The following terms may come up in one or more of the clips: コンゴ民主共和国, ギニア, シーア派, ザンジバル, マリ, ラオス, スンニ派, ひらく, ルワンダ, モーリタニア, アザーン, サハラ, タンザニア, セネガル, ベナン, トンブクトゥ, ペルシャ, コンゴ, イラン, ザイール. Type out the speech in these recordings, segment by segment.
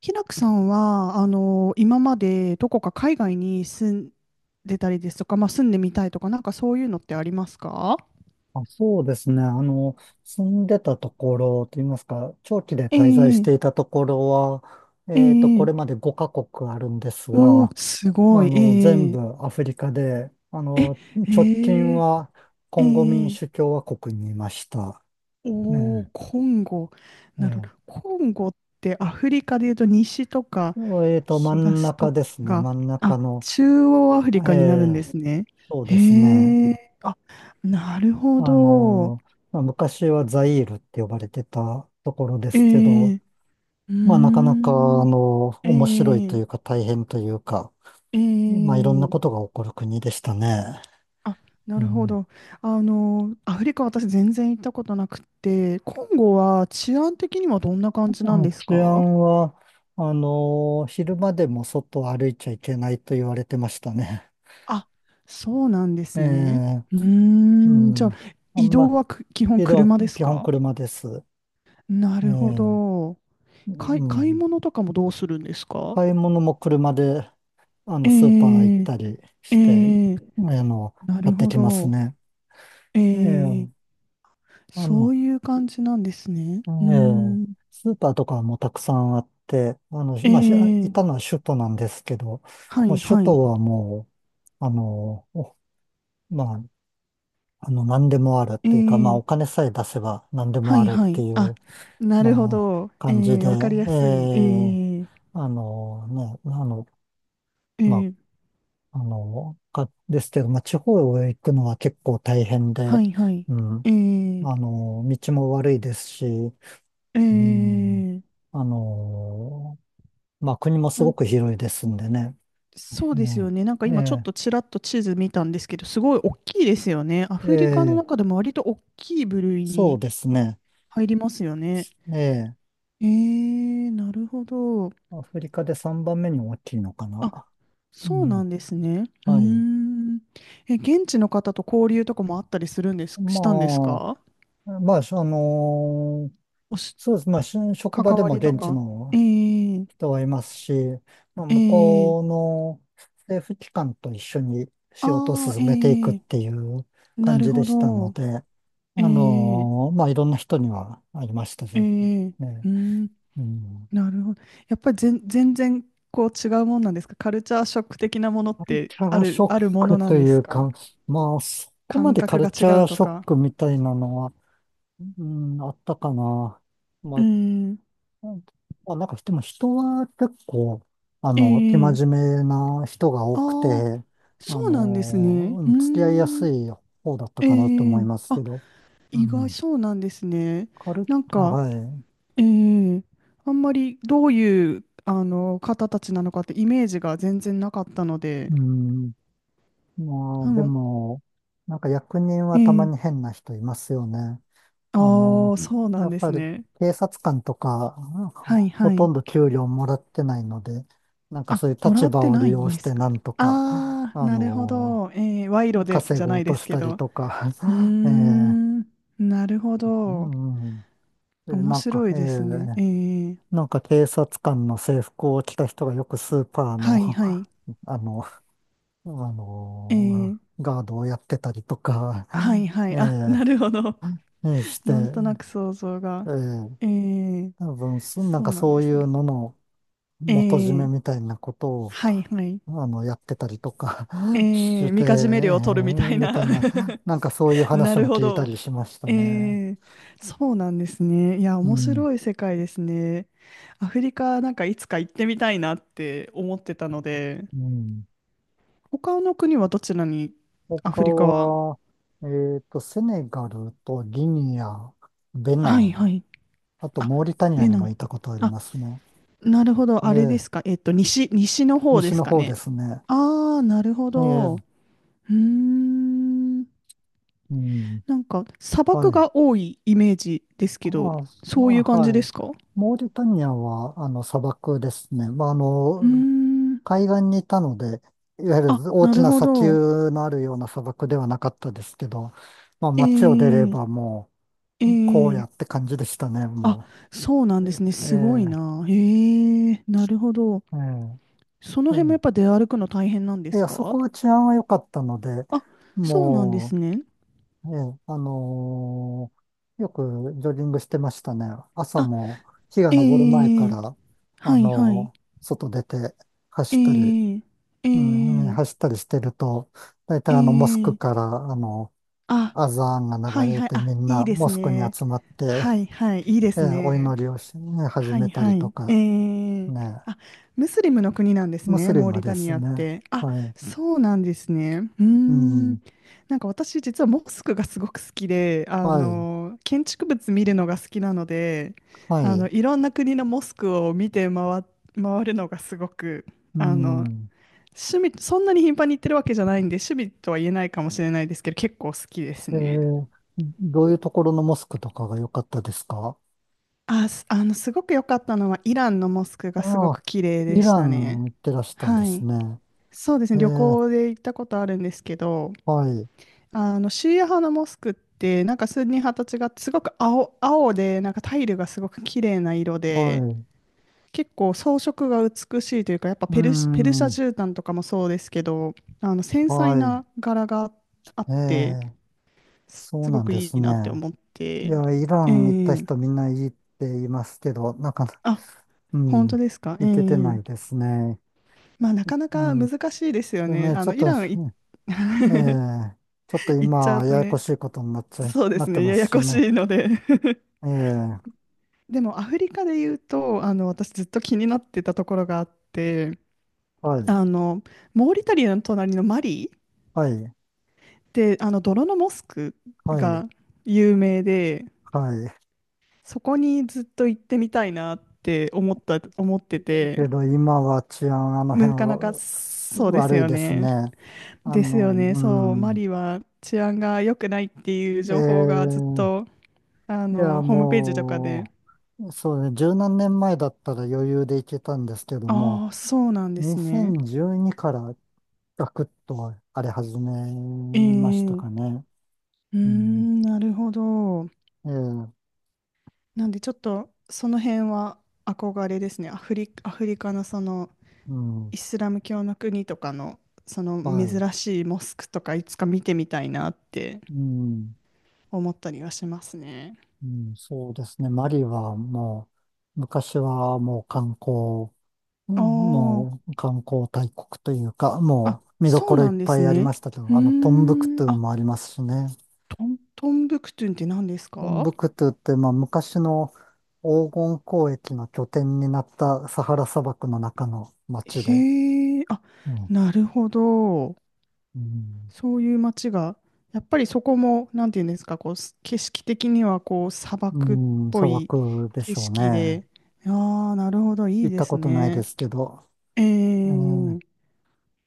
ひらくさんは、今までどこか海外に住んでたりですとか、まあ、住んでみたいとか、なんかそういうのってありますか？あ、そうですね。住んでたところといいますか、長期でえ滞在しえ、ていたところは、えこえ、れまで5カ国あるんですおが、ー、すごい、全ええ、部アフリカで、え、直近ええ、はコえンゴ民え、主共和国にいました。おー、ねコンゴ。え、なるほど。ねコンゴってアフリカでいうと西とかええっと、真ん東中とですね。か、真んあ、中の、中央アフリえカになるんでえ、すね。そうですね。へえ、あ、なるほあど。の、まあ、昔はザイールって呼ばれてたところでえすけえ、ど、うーまあ、なかなか、ん。え面白いとえ、いうか大変というか、えまあ、いろんなことえ、が起こる国でしたね。あ、なうるほん。ど。アフリカ私全然行ったことなくて、コンゴは治安的にはどんな感じなんあ、です治か？安は、昼間でも外を歩いちゃいけないと言われてましたね。あ、そうなんで えすね。え、ううーん、じゃあ、ん。あ移ん動ま、はく基本色は車です基本か？車です。なえるほえ、ど。買い、う買いん。物とかもどうするんですか？買い物も車で、えスーパー行っえ、たりえして、え、あの、な買っるてほきますど。ね。ええ、ええ、その、ういう感じなんですね。えうーえ、ん。スーパーとかもたくさんあって、えまあ、いたえ、のは首都なんですけど、はもうい首はい。都はもう、まあ、何でもあるっていうか、まあ、えおえ、金さえ出せば何でもはあいるっはてい。いあ、う、なるほまあ、ど。え感じで、え、えわかりやすい。え、ええ、あのね、あの、まええ、あ、ですけど、まあ、地方へ行くのは結構大変はで、いはい。うん、ええ、道も悪いですし、うん、ええ、あのまあ国もすなごん、く広いですんでね。そううですよん。ね。なんか今ちょっえとちらっと地図見たんですけど、すごい大きいですよね。アえ、えフリカのえ、中でも割と大きい部類そうにですね。入りますよね。ええ、ええ、なるほど。アフリカで3番目に大きいのかな。あ、うそうなん、んですね。うーはい。ん。え、現地の方と交流とかもあったりするんです、したんですまか？まあ、おし、そうです。まあ、職関場でわもりと現地か。えのえ、人はいますし、まあ、え向こうえ、の政府機関と一緒にあ、仕事をあー、進めていくっええ、ていうな感るじでほしたのど。で、ええ、まあ、いろんな人にはありましたけえどえ、うね。ーん、うん。なるほど。やっぱり全、全然こう違うもんなんですか？カルチャーショック的なものっカルてチャあーシる、ョあッるものクなとんでいすうか？か、まあ、そこま感でカ覚ルがチ違ャうーとショッか。クみたいなのは、うん、あったかな。まうーあ、ん、うん。まあ、なんか、でも人は結構、生え真え、面目な人が多くて、ああ、そうなんですね。ううん、ー付き合いやすん。い方だったかなとえ思いえ、ますけあ、ど、う意外、ん、そうなんですね。カル、なんか、はええ、あんまりどういう、方たちなのかってイメージが全然なかったのい、で、うん、まああ、での、も、なんか役人はたまえにえ、変な人いますよね。ああの、あ、そうなやんっでぱすりね。警察官とか、はほいほはとい。んど給料もらってないので、なんかあ、そういうもら立っ場てをな利い用んしですてか。なんとか、ああ、なるほど。ええ、賄賂で稼じゃごなういでとすしけたりど。とか、うー えーん、なるほうど。ん。で、面なん白か、いですね。ええ、警察官の制服を着た人がよくスーパーはの、い はい。あの、あえの、ー、ガードをやってたりとか、はいはえい。あ、なるほど。して、なんとなく想像えが。ーえー、多分、なんそうかなんそでういすうね。のの、え元締めー、みたいなことを、はいはい。やってたりとか え しー、て、みかじめ料を取るみたいみな。たいな、なんかそういう な話るもほ聞いたど。りしましたえね。ー、そうなんですね。いや、う面ん。白い世界ですね。アフリカなんかいつか行ってみたいなって思ってたので、うん。他の国はどちらに、ア他フリカは。は、セネガルとギニア、ベナはいはン、い。あとあ、モーリタニアベにナもン。行ったことありあ、ますね。なるほど。えあれでえ、すか。えっと、西、西の方で西すのか方ね。ですね。ああ、なるほえど。うえ、ーん。うん。なんか、砂は漠い。が多いイメージですけど、ああ、そういう感じはでい。すか？モーリタニアは、砂漠ですね。まあ、うーん。海岸にいたので、いわゆあ、る大なきるなほ砂ど。丘のあるような砂漠ではなかったですけど、まあえ街を出れえ、ばもえう、こうえ。やって感じでしたね、あ、もそうなんう。ですね。えすごいえ、な。ええ、なるほど。ええ、そのう辺もやん、っぱ出歩くの大変なんでいすや、そか？こは治安は良かったので、あ、そうなんですもね。う、ええ、よくジョギングしてましたね。朝あ、も日が昇る前かええ、ら、はい、はい。外出て走ったり、ええ、えうん、ね、走え。ったりしてると、大体モスクえかえ、ら、あのあ、アザーンがは流いれはい、てあ、みんいないでモすスクにね。集まって、はいはい、いいですおね。祈りをし、ね、始はめいたはりとい。えか、え、ね、あ、ムスリムの国なんですムスね、リモームリタでニすアっね。て。あ、はい。そうなんですね。うーうん。ん。なんか私、実はモスクがすごく好きで、はい。建築物見るのが好きなので、はい。いろんな国のモスクを見て回、回るのがすごく、うあの、ん。趣味、そんなに頻繁に行ってるわけじゃないんで、趣味とは言えないかもしれないですけど、結構好きですえね。ーどういうところのモスクとかが良かったですか？あ、すあの、すごく良かったのは、イランのモスクがすごああ、く綺麗イでしラたね。ン行ってらしたんではすい。ね。そうですえね、旅ー行で行ったことあるんですけど、はい。シーア派のモスクって、なんかスンニ派と違って、すごく青、青で、なんかタイルがすごく綺麗な色はで、い。結構装飾が美しいというか、やっぱうーペルシ、ペルシャん。絨毯とかもそうですけど、繊細はい。な柄があっえて、え。そうすごなんくでいすいね。なって思っいて、や、イラえン行ったえ、人みんないいって言いますけど、なかなあ、う本当ん。ですか、えいけてなえ、いですね。まあ、なかなうかん。難しいですよでね。ね、イランい ええちょっと行っちゃ今、うとややこね、しいことになっちゃい、そうでなっすてね、まやすやしこしね。いので ええ、でも、アフリカで言うと、私ずっと気になってたところがあって、はい、あの、モーリタリアの隣のマリっはい、て、あの、泥のモスクはい、が有名で、はい。そこにずっと行ってみたいなって思った、思ってて、けど今は治安、あの辺なかなかはそうです悪いよですね。ね。ですよね。うそう、マん。リは治安が良くないっていうえ情報がずっと、え、いや、ホームページとかで。もう、そうね、十何年前だったら余裕でいけたんですけどあも、あ、そうなんですね。2012からガクッと荒れ始めえましたかえ、ね。うーうん。ん、なるほど。ええ、なんでちょっと、その辺は憧れですね。アフリ、アフリカのその、うん。イスラム教の国とかの、そのはい。珍しいモスクとかいつか見てみたいなってうん。思ったりはしますね。うん、そうですね。マリはもう、昔はもう観光、うあん、もあ。う観光大国というか、あ、もう見どそこうろいなっんでぱすいありね。ましたけうーど、トンブクん。トゥあ、もありますしね。トン、トンブクトゥンって何ですトンか？ブクトゥって、まあ、昔の黄金交易の拠点になったサハラ砂漠の中の町で、へえ、あ、うん。なるほど。うん。そういう街が、やっぱりそこも、なんていうんですか、こう、す景色的には、こう、砂う漠っん、ぽ砂い漠で景しょう色ね。で、ああ、なるほど、い行いっでたすことないでね。すけど。ええーえ、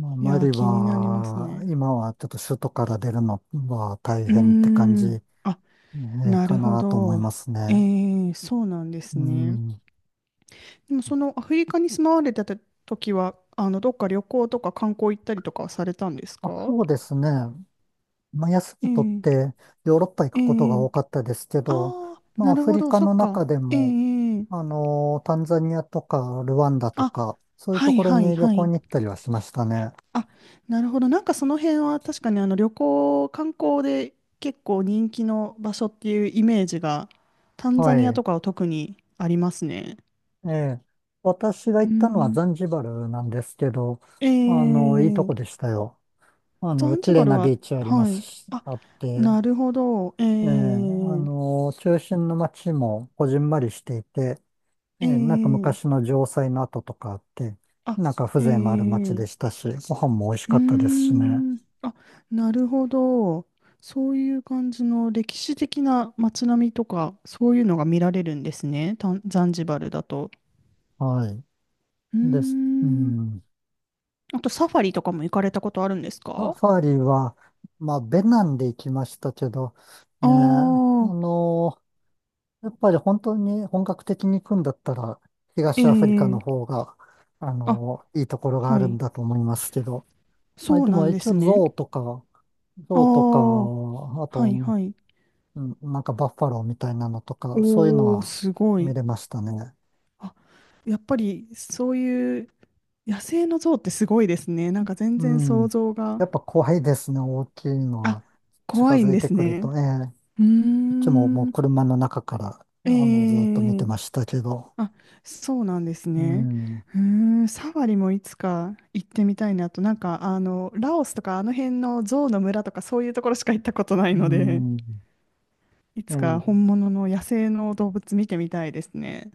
まあ、いやマー、リ気になりますは、ね。今はちょっと首都から出るのは大うー変って感じ、ん。あ、なかるほなと思いど。ますえね。え、そうなんでうすね。ん。でもそのアフリカに住まわれてた時は、どっか旅行とか観光行ったりとかはされたんですあ、か？そうですね。まあ、休えみ取っえ、てヨーロッパ行くえことがえ、多かったですけあど、あ、まあ、なアるフほリど、カそっの中か。でええ、も、ええ、タンザニアとかルワンダとあ、か、そういうはといころはいに旅は行い。に行ったりはしましたね。あ、なるほど。なんかその辺は確かにあの旅行、観光で結構人気の場所っていうイメージが、タンはザニアい。とかは特にありますね。ええ、私が行うったのはん。ザンジバルなんですけど、えいいとえ、こでしたよ。ザンジ綺バ麗ルなは、ビーチありまはすい。し、あ、あって、なるほど。えええ、え、中心の街もこじんまりしていて、ええ、なんかえ昔え、の城塞の跡とかあって、あ、なんかへ風情のある街え、でしたし、ご飯も美味しうーかったですしね。ん、あ、なるほど。そういう感じの歴史的な街並みとか、そういうのが見られるんですね、タンザンジバルだと。はい。うーです。うん、ん。あとサファリとかも行かれたことあるんですサか？ファリは、まあ、ベナンで行きましたけど、あね、あ、やっぱり本当に本格的に行くんだったら、東アフリカえのえ、方が、あ、いいところがあはるんい。だと思いますけど。まあ、そうでなもんで一応すね。ゾウとか、あゾウとか、あ、あと、はいはい。うん、なんかバッファローみたいなのとか、そういうのおー、はすご見い。れましたね。あ、やっぱりそういう野生の象ってすごいですね。なんか全う然想ん。像が。やっぱ怖いですね、大きいのあ、は。近怖いんづいでてすくるね。と、ええ、うーこっちももうん。車の中から、えずっと見てえ、ましたけど。あ、そうなんですうね。ん。うーん、サファリもいつか行ってみたいなと。なんか、ラオスとかあの辺の象の村とかそういうところしか行ったことないうので、ん。いつかええ本物の野生の動物見てみたいですね。